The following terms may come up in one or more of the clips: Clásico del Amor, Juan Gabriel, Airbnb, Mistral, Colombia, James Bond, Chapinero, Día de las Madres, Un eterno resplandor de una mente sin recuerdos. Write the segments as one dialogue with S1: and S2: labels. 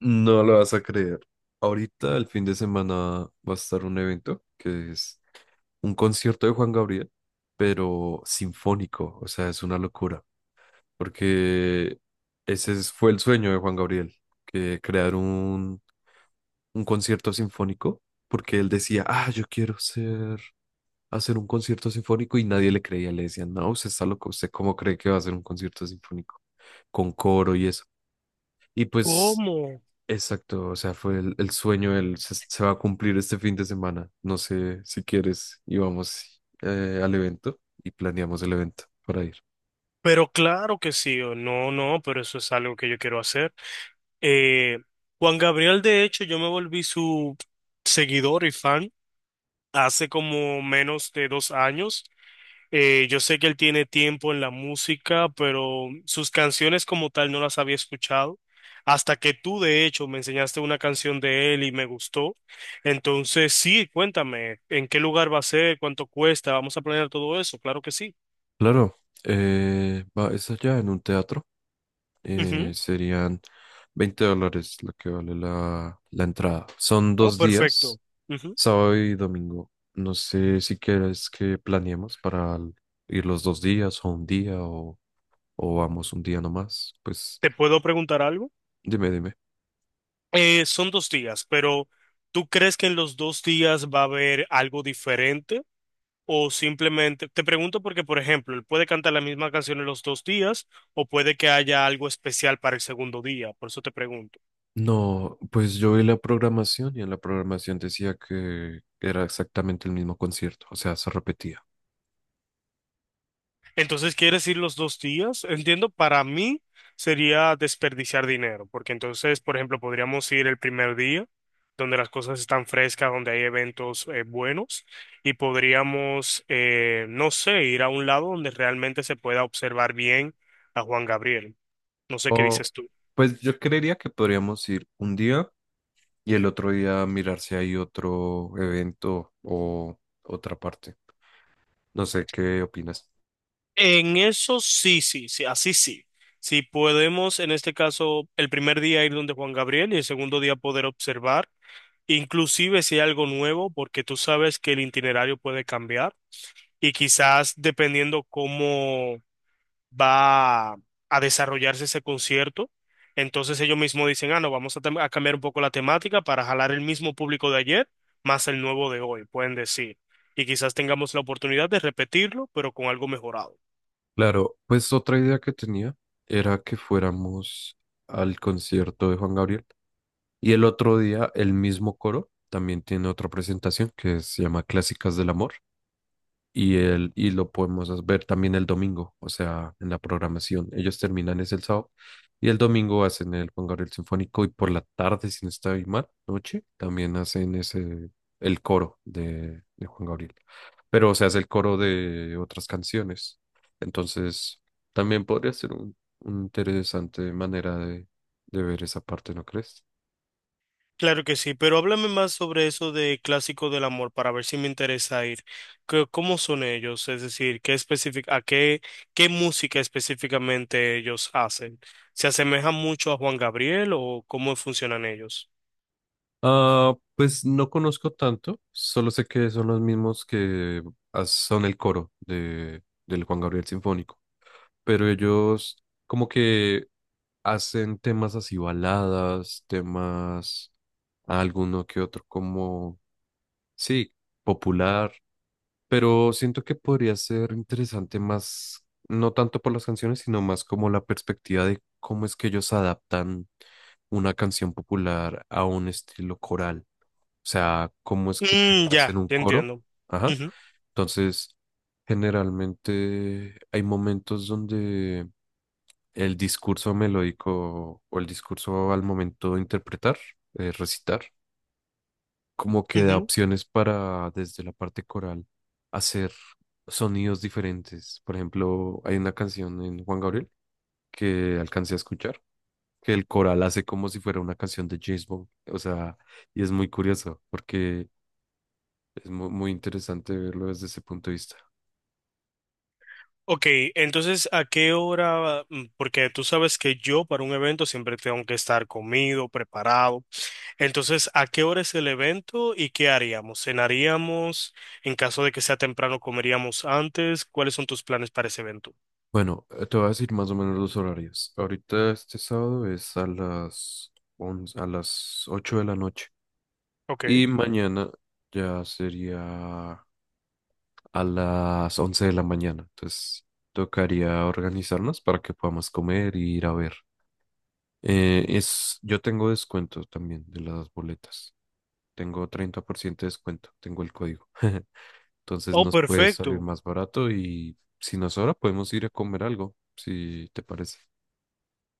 S1: No lo vas a creer. Ahorita, el fin de semana, va a estar un evento que es un concierto de Juan Gabriel, pero sinfónico. O sea, es una locura. Porque fue el sueño de Juan Gabriel, que crear un concierto sinfónico. Porque él decía, ah, yo quiero hacer un concierto sinfónico y nadie le creía. Le decían, no, usted está loco. ¿Usted cómo cree que va a hacer un concierto sinfónico? Con coro y eso. Y pues,
S2: ¿Cómo?
S1: exacto, o sea, fue el sueño, se va a cumplir este fin de semana. No sé si quieres y vamos al evento y planeamos el evento para ir.
S2: Pero claro que sí, o no, no, pero eso es algo que yo quiero hacer. Eh, Juan Gabriel, de hecho, yo me volví su seguidor y fan hace como menos de 2 años. Yo sé que él tiene tiempo en la música, pero sus canciones como tal no las había escuchado. Hasta que tú, de hecho, me enseñaste una canción de él y me gustó. Entonces, sí, cuéntame, ¿en qué lugar va a ser? ¿Cuánto cuesta? ¿Vamos a planear todo eso? Claro que sí.
S1: Claro, es allá en un teatro. Serían $20 lo que vale la entrada. Son
S2: Oh,
S1: dos días,
S2: perfecto. Ujú.
S1: sábado y domingo. No sé si quieres que planeemos para ir los dos días o un día o vamos un día nomás. Pues
S2: ¿Te puedo preguntar algo?
S1: dime, dime.
S2: Son 2 días, pero ¿tú crees que en los 2 días va a haber algo diferente? O simplemente, te pregunto porque, por ejemplo, él puede cantar la misma canción en los 2 días o puede que haya algo especial para el segundo día, por eso te pregunto.
S1: No, pues yo vi la programación y en la programación decía que era exactamente el mismo concierto, o sea, se repetía.
S2: Entonces, ¿quieres ir los 2 días? Entiendo, para mí sería desperdiciar dinero, porque entonces, por ejemplo, podríamos ir el primer día, donde las cosas están frescas, donde hay eventos buenos, y podríamos, no sé, ir a un lado donde realmente se pueda observar bien a Juan Gabriel. No sé qué
S1: O,
S2: dices tú.
S1: pues yo creería que podríamos ir un día y el otro día mirar si hay otro evento o otra parte. No sé, ¿qué opinas?
S2: En eso sí, sí, sí, así sí. Si podemos, en este caso, el primer día ir donde Juan Gabriel y el segundo día poder observar, inclusive si hay algo nuevo, porque tú sabes que el itinerario puede cambiar y quizás dependiendo cómo va a desarrollarse ese concierto, entonces ellos mismos dicen, ah, no, vamos a, a cambiar un poco la temática para jalar el mismo público de ayer más el nuevo de hoy, pueden decir. Y quizás tengamos la oportunidad de repetirlo, pero con algo mejorado.
S1: Claro, pues otra idea que tenía era que fuéramos al concierto de Juan Gabriel y el otro día el mismo coro también tiene otra presentación que se llama Clásicas del Amor. Y lo podemos ver también el domingo, o sea, en la programación. Ellos terminan es el sábado y el domingo hacen el Juan Gabriel Sinfónico y por la tarde, si no estoy mal, noche, también hacen el coro de Juan Gabriel. Pero, o sea, es el coro de otras canciones. Entonces, también podría ser un interesante manera de ver esa parte, ¿no crees?
S2: Claro que sí, pero háblame más sobre eso de Clásico del Amor para ver si me interesa ir. ¿Cómo son ellos? Es decir, a qué, qué música específicamente ellos hacen? ¿Se asemeja mucho a Juan Gabriel o cómo funcionan ellos?
S1: Ah, pues no conozco tanto, solo sé que son los mismos que son el coro del Juan Gabriel Sinfónico, pero ellos como que hacen temas así baladas, temas alguno que otro como, sí, popular, pero siento que podría ser interesante más, no tanto por las canciones, sino más como la perspectiva de cómo es que ellos adaptan una canción popular a un estilo coral. O sea, cómo es que
S2: Mm,
S1: hacen
S2: ya,
S1: un
S2: ya
S1: coro.
S2: entiendo.
S1: Ajá.
S2: Ujú,
S1: Entonces, generalmente hay momentos donde el discurso melódico o el discurso al momento de interpretar, recitar, como que da
S2: ujú.
S1: opciones para desde la parte coral hacer sonidos diferentes. Por ejemplo, hay una canción en Juan Gabriel que alcancé a escuchar, que el coral hace como si fuera una canción de James Bond. O sea, y es muy curioso porque muy interesante verlo desde ese punto de vista.
S2: Ok, entonces, ¿a qué hora? Porque tú sabes que yo para un evento siempre tengo que estar comido, preparado. Entonces, ¿a qué hora es el evento y qué haríamos? ¿Cenaríamos? En caso de que sea temprano, ¿comeríamos antes? ¿Cuáles son tus planes para ese evento?
S1: Bueno, te voy a decir más o menos los horarios. Ahorita este sábado es a las 8 de la noche
S2: Ok.
S1: y mañana ya sería a las 11 de la mañana. Entonces, tocaría organizarnos para que podamos comer y ir a ver. Yo tengo descuento también de las boletas. Tengo 30% de descuento, tengo el código. Entonces
S2: Oh,
S1: nos puede salir
S2: perfecto.
S1: más barato y si nos sobra podemos ir a comer algo, si te parece.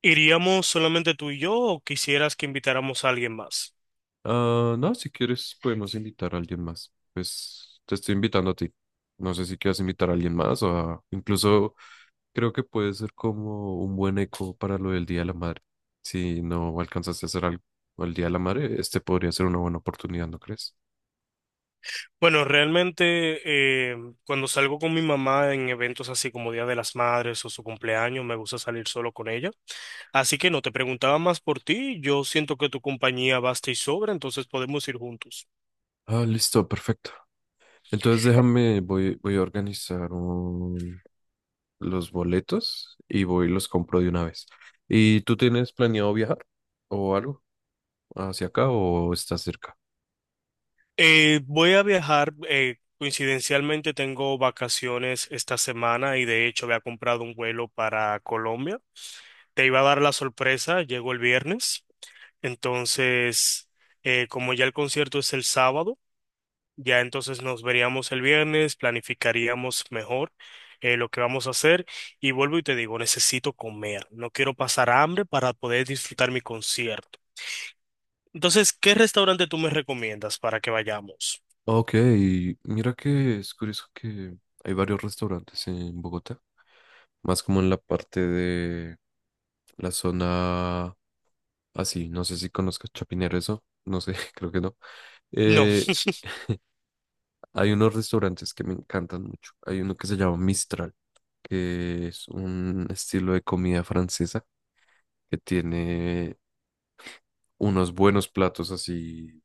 S2: ¿Iríamos solamente tú y yo o quisieras que invitáramos a alguien más?
S1: Ah, no, si quieres podemos invitar a alguien más. Pues te estoy invitando a ti. No sé si quieres invitar a alguien más o incluso creo que puede ser como un buen eco para lo del Día de la Madre. Si no alcanzaste a hacer algo el Día de la Madre, este podría ser una buena oportunidad, ¿no crees?
S2: Bueno, realmente cuando salgo con mi mamá en eventos así como Día de las Madres o su cumpleaños, me gusta salir solo con ella. Así que no, te preguntaba más por ti. Yo siento que tu compañía basta y sobra, entonces podemos ir juntos.
S1: Ah, listo, perfecto. Entonces déjame, voy a organizar los boletos y voy y los compro de una vez. ¿Y tú tienes planeado viajar o algo hacia acá o estás cerca?
S2: Voy a viajar, coincidencialmente tengo vacaciones esta semana y de hecho había comprado un vuelo para Colombia. Te iba a dar la sorpresa, llego el viernes, entonces como ya el concierto es el sábado, ya entonces nos veríamos el viernes, planificaríamos mejor lo que vamos a hacer y vuelvo y te digo, necesito comer, no quiero pasar hambre para poder disfrutar mi concierto. Entonces, ¿qué restaurante tú me recomiendas para que vayamos?
S1: Ok, mira que es curioso que hay varios restaurantes en Bogotá, más como en la parte de la zona así, no sé si conozcas Chapinero eso, no sé, creo que no.
S2: No,
S1: Eh, Hay unos restaurantes que me encantan mucho. Hay uno que se llama Mistral, que es un estilo de comida francesa que tiene unos buenos platos así,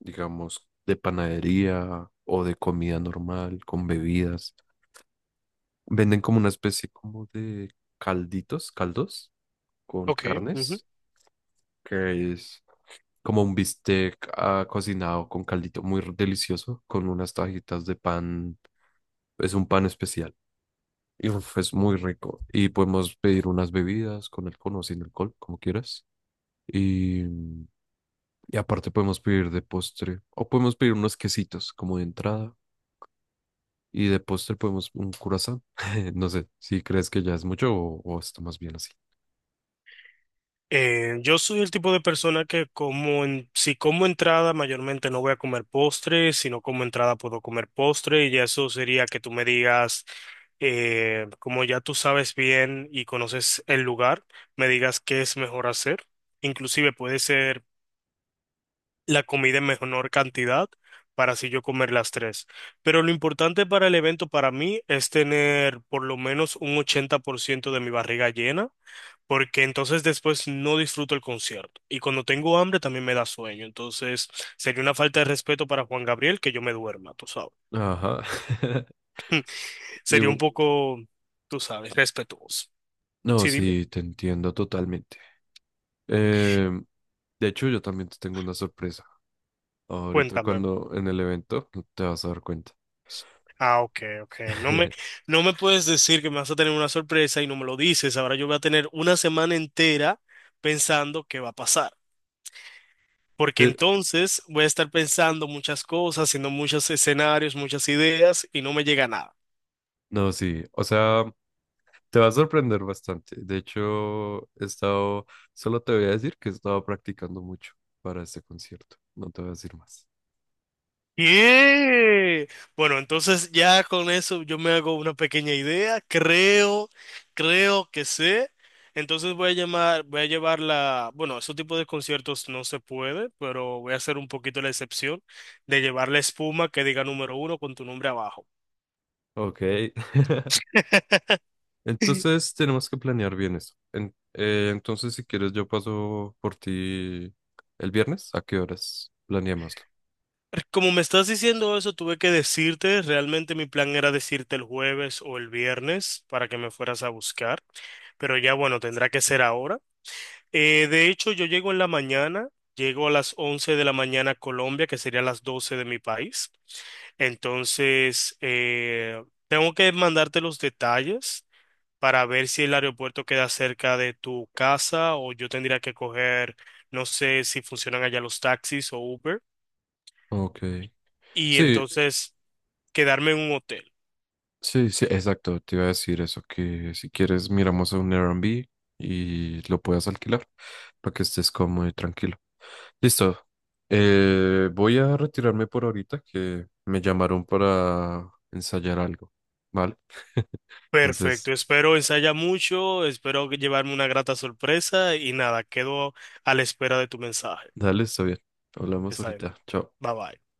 S1: digamos, de panadería o de comida normal, con bebidas. Venden como una especie como de calditos, caldos con
S2: ok. Ujú.
S1: carnes, que es como un bistec cocinado con caldito muy delicioso, con unas tajitas de pan. Es un pan especial. Y uf, es muy rico. Y podemos pedir unas bebidas con alcohol o sin alcohol, como quieras. Y, mm, y aparte podemos pedir de postre. O podemos pedir unos quesitos como de entrada. Y de postre podemos un curazao. No sé si crees que ya es mucho o está más bien así.
S2: Yo soy el tipo de persona que como si como entrada mayormente no voy a comer postre, si no como entrada puedo comer postre y ya eso sería que tú me digas, como ya tú sabes bien y conoces el lugar, me digas qué es mejor hacer. Inclusive puede ser la comida en menor cantidad para así yo comer las tres. Pero lo importante para el evento para mí es tener por lo menos un 80% de mi barriga llena porque entonces después no disfruto el concierto. Y cuando tengo hambre también me da sueño. Entonces sería una falta de respeto para Juan Gabriel que yo me duerma, tú sabes.
S1: Ajá. Y
S2: Sería un
S1: u-
S2: poco, tú sabes, respetuoso.
S1: no,
S2: Sí, dime,
S1: sí, te entiendo totalmente. Em, de hecho, yo también te tengo una sorpresa. Ahorita
S2: cuéntame.
S1: cuando en el evento te vas a dar cuenta.
S2: Ah, ok, ok. No me puedes decir que me vas a tener una sorpresa y no me lo dices. Ahora yo voy a tener una semana entera pensando qué va a pasar. Porque
S1: Te-
S2: entonces voy a estar pensando muchas cosas, haciendo muchos escenarios, muchas ideas y no me llega nada.
S1: no, sí. O sea. Te va a sorprender bastante. De hecho, solo te voy a decir que he estado practicando mucho para este concierto. No te voy a decir más.
S2: Bien. Bueno, entonces ya con eso yo me hago una pequeña idea. Creo, creo que sé. Entonces voy a llamar, voy a llevar la, bueno, ese tipo de conciertos no se puede, pero voy a hacer un poquito la excepción de llevar la espuma que diga número uno con tu nombre abajo.
S1: Ok. Entonces, tenemos que planear bien eso. Entonces, si quieres, yo paso por ti el viernes. ¿A qué horas? Planeémoslo.
S2: Como me estás diciendo eso, tuve que decirte, realmente mi plan era decirte el jueves o el viernes para que me fueras a buscar, pero ya bueno, tendrá que ser ahora. De hecho, yo llego en la mañana, llego a las 11 de la mañana a Colombia, que sería las 12 de mi país. Entonces, tengo que mandarte los detalles para ver si el aeropuerto queda cerca de tu casa o yo tendría que coger, no sé si funcionan allá los taxis o Uber,
S1: Ok.
S2: y
S1: Sí,
S2: entonces quedarme en un hotel.
S1: sí, sí, exacto. Te iba a decir eso, que si quieres, miramos a un Airbnb y lo puedas alquilar para que estés cómodo y tranquilo. Listo. Voy a retirarme por ahorita que me llamaron para ensayar algo. ¿Vale?
S2: Perfecto,
S1: Entonces,
S2: espero ensaya mucho, espero que llevarme una grata sorpresa y nada, quedo a la espera de tu mensaje.
S1: dale, está bien. Hablamos
S2: Está bien,
S1: ahorita. Chao.
S2: bye bye.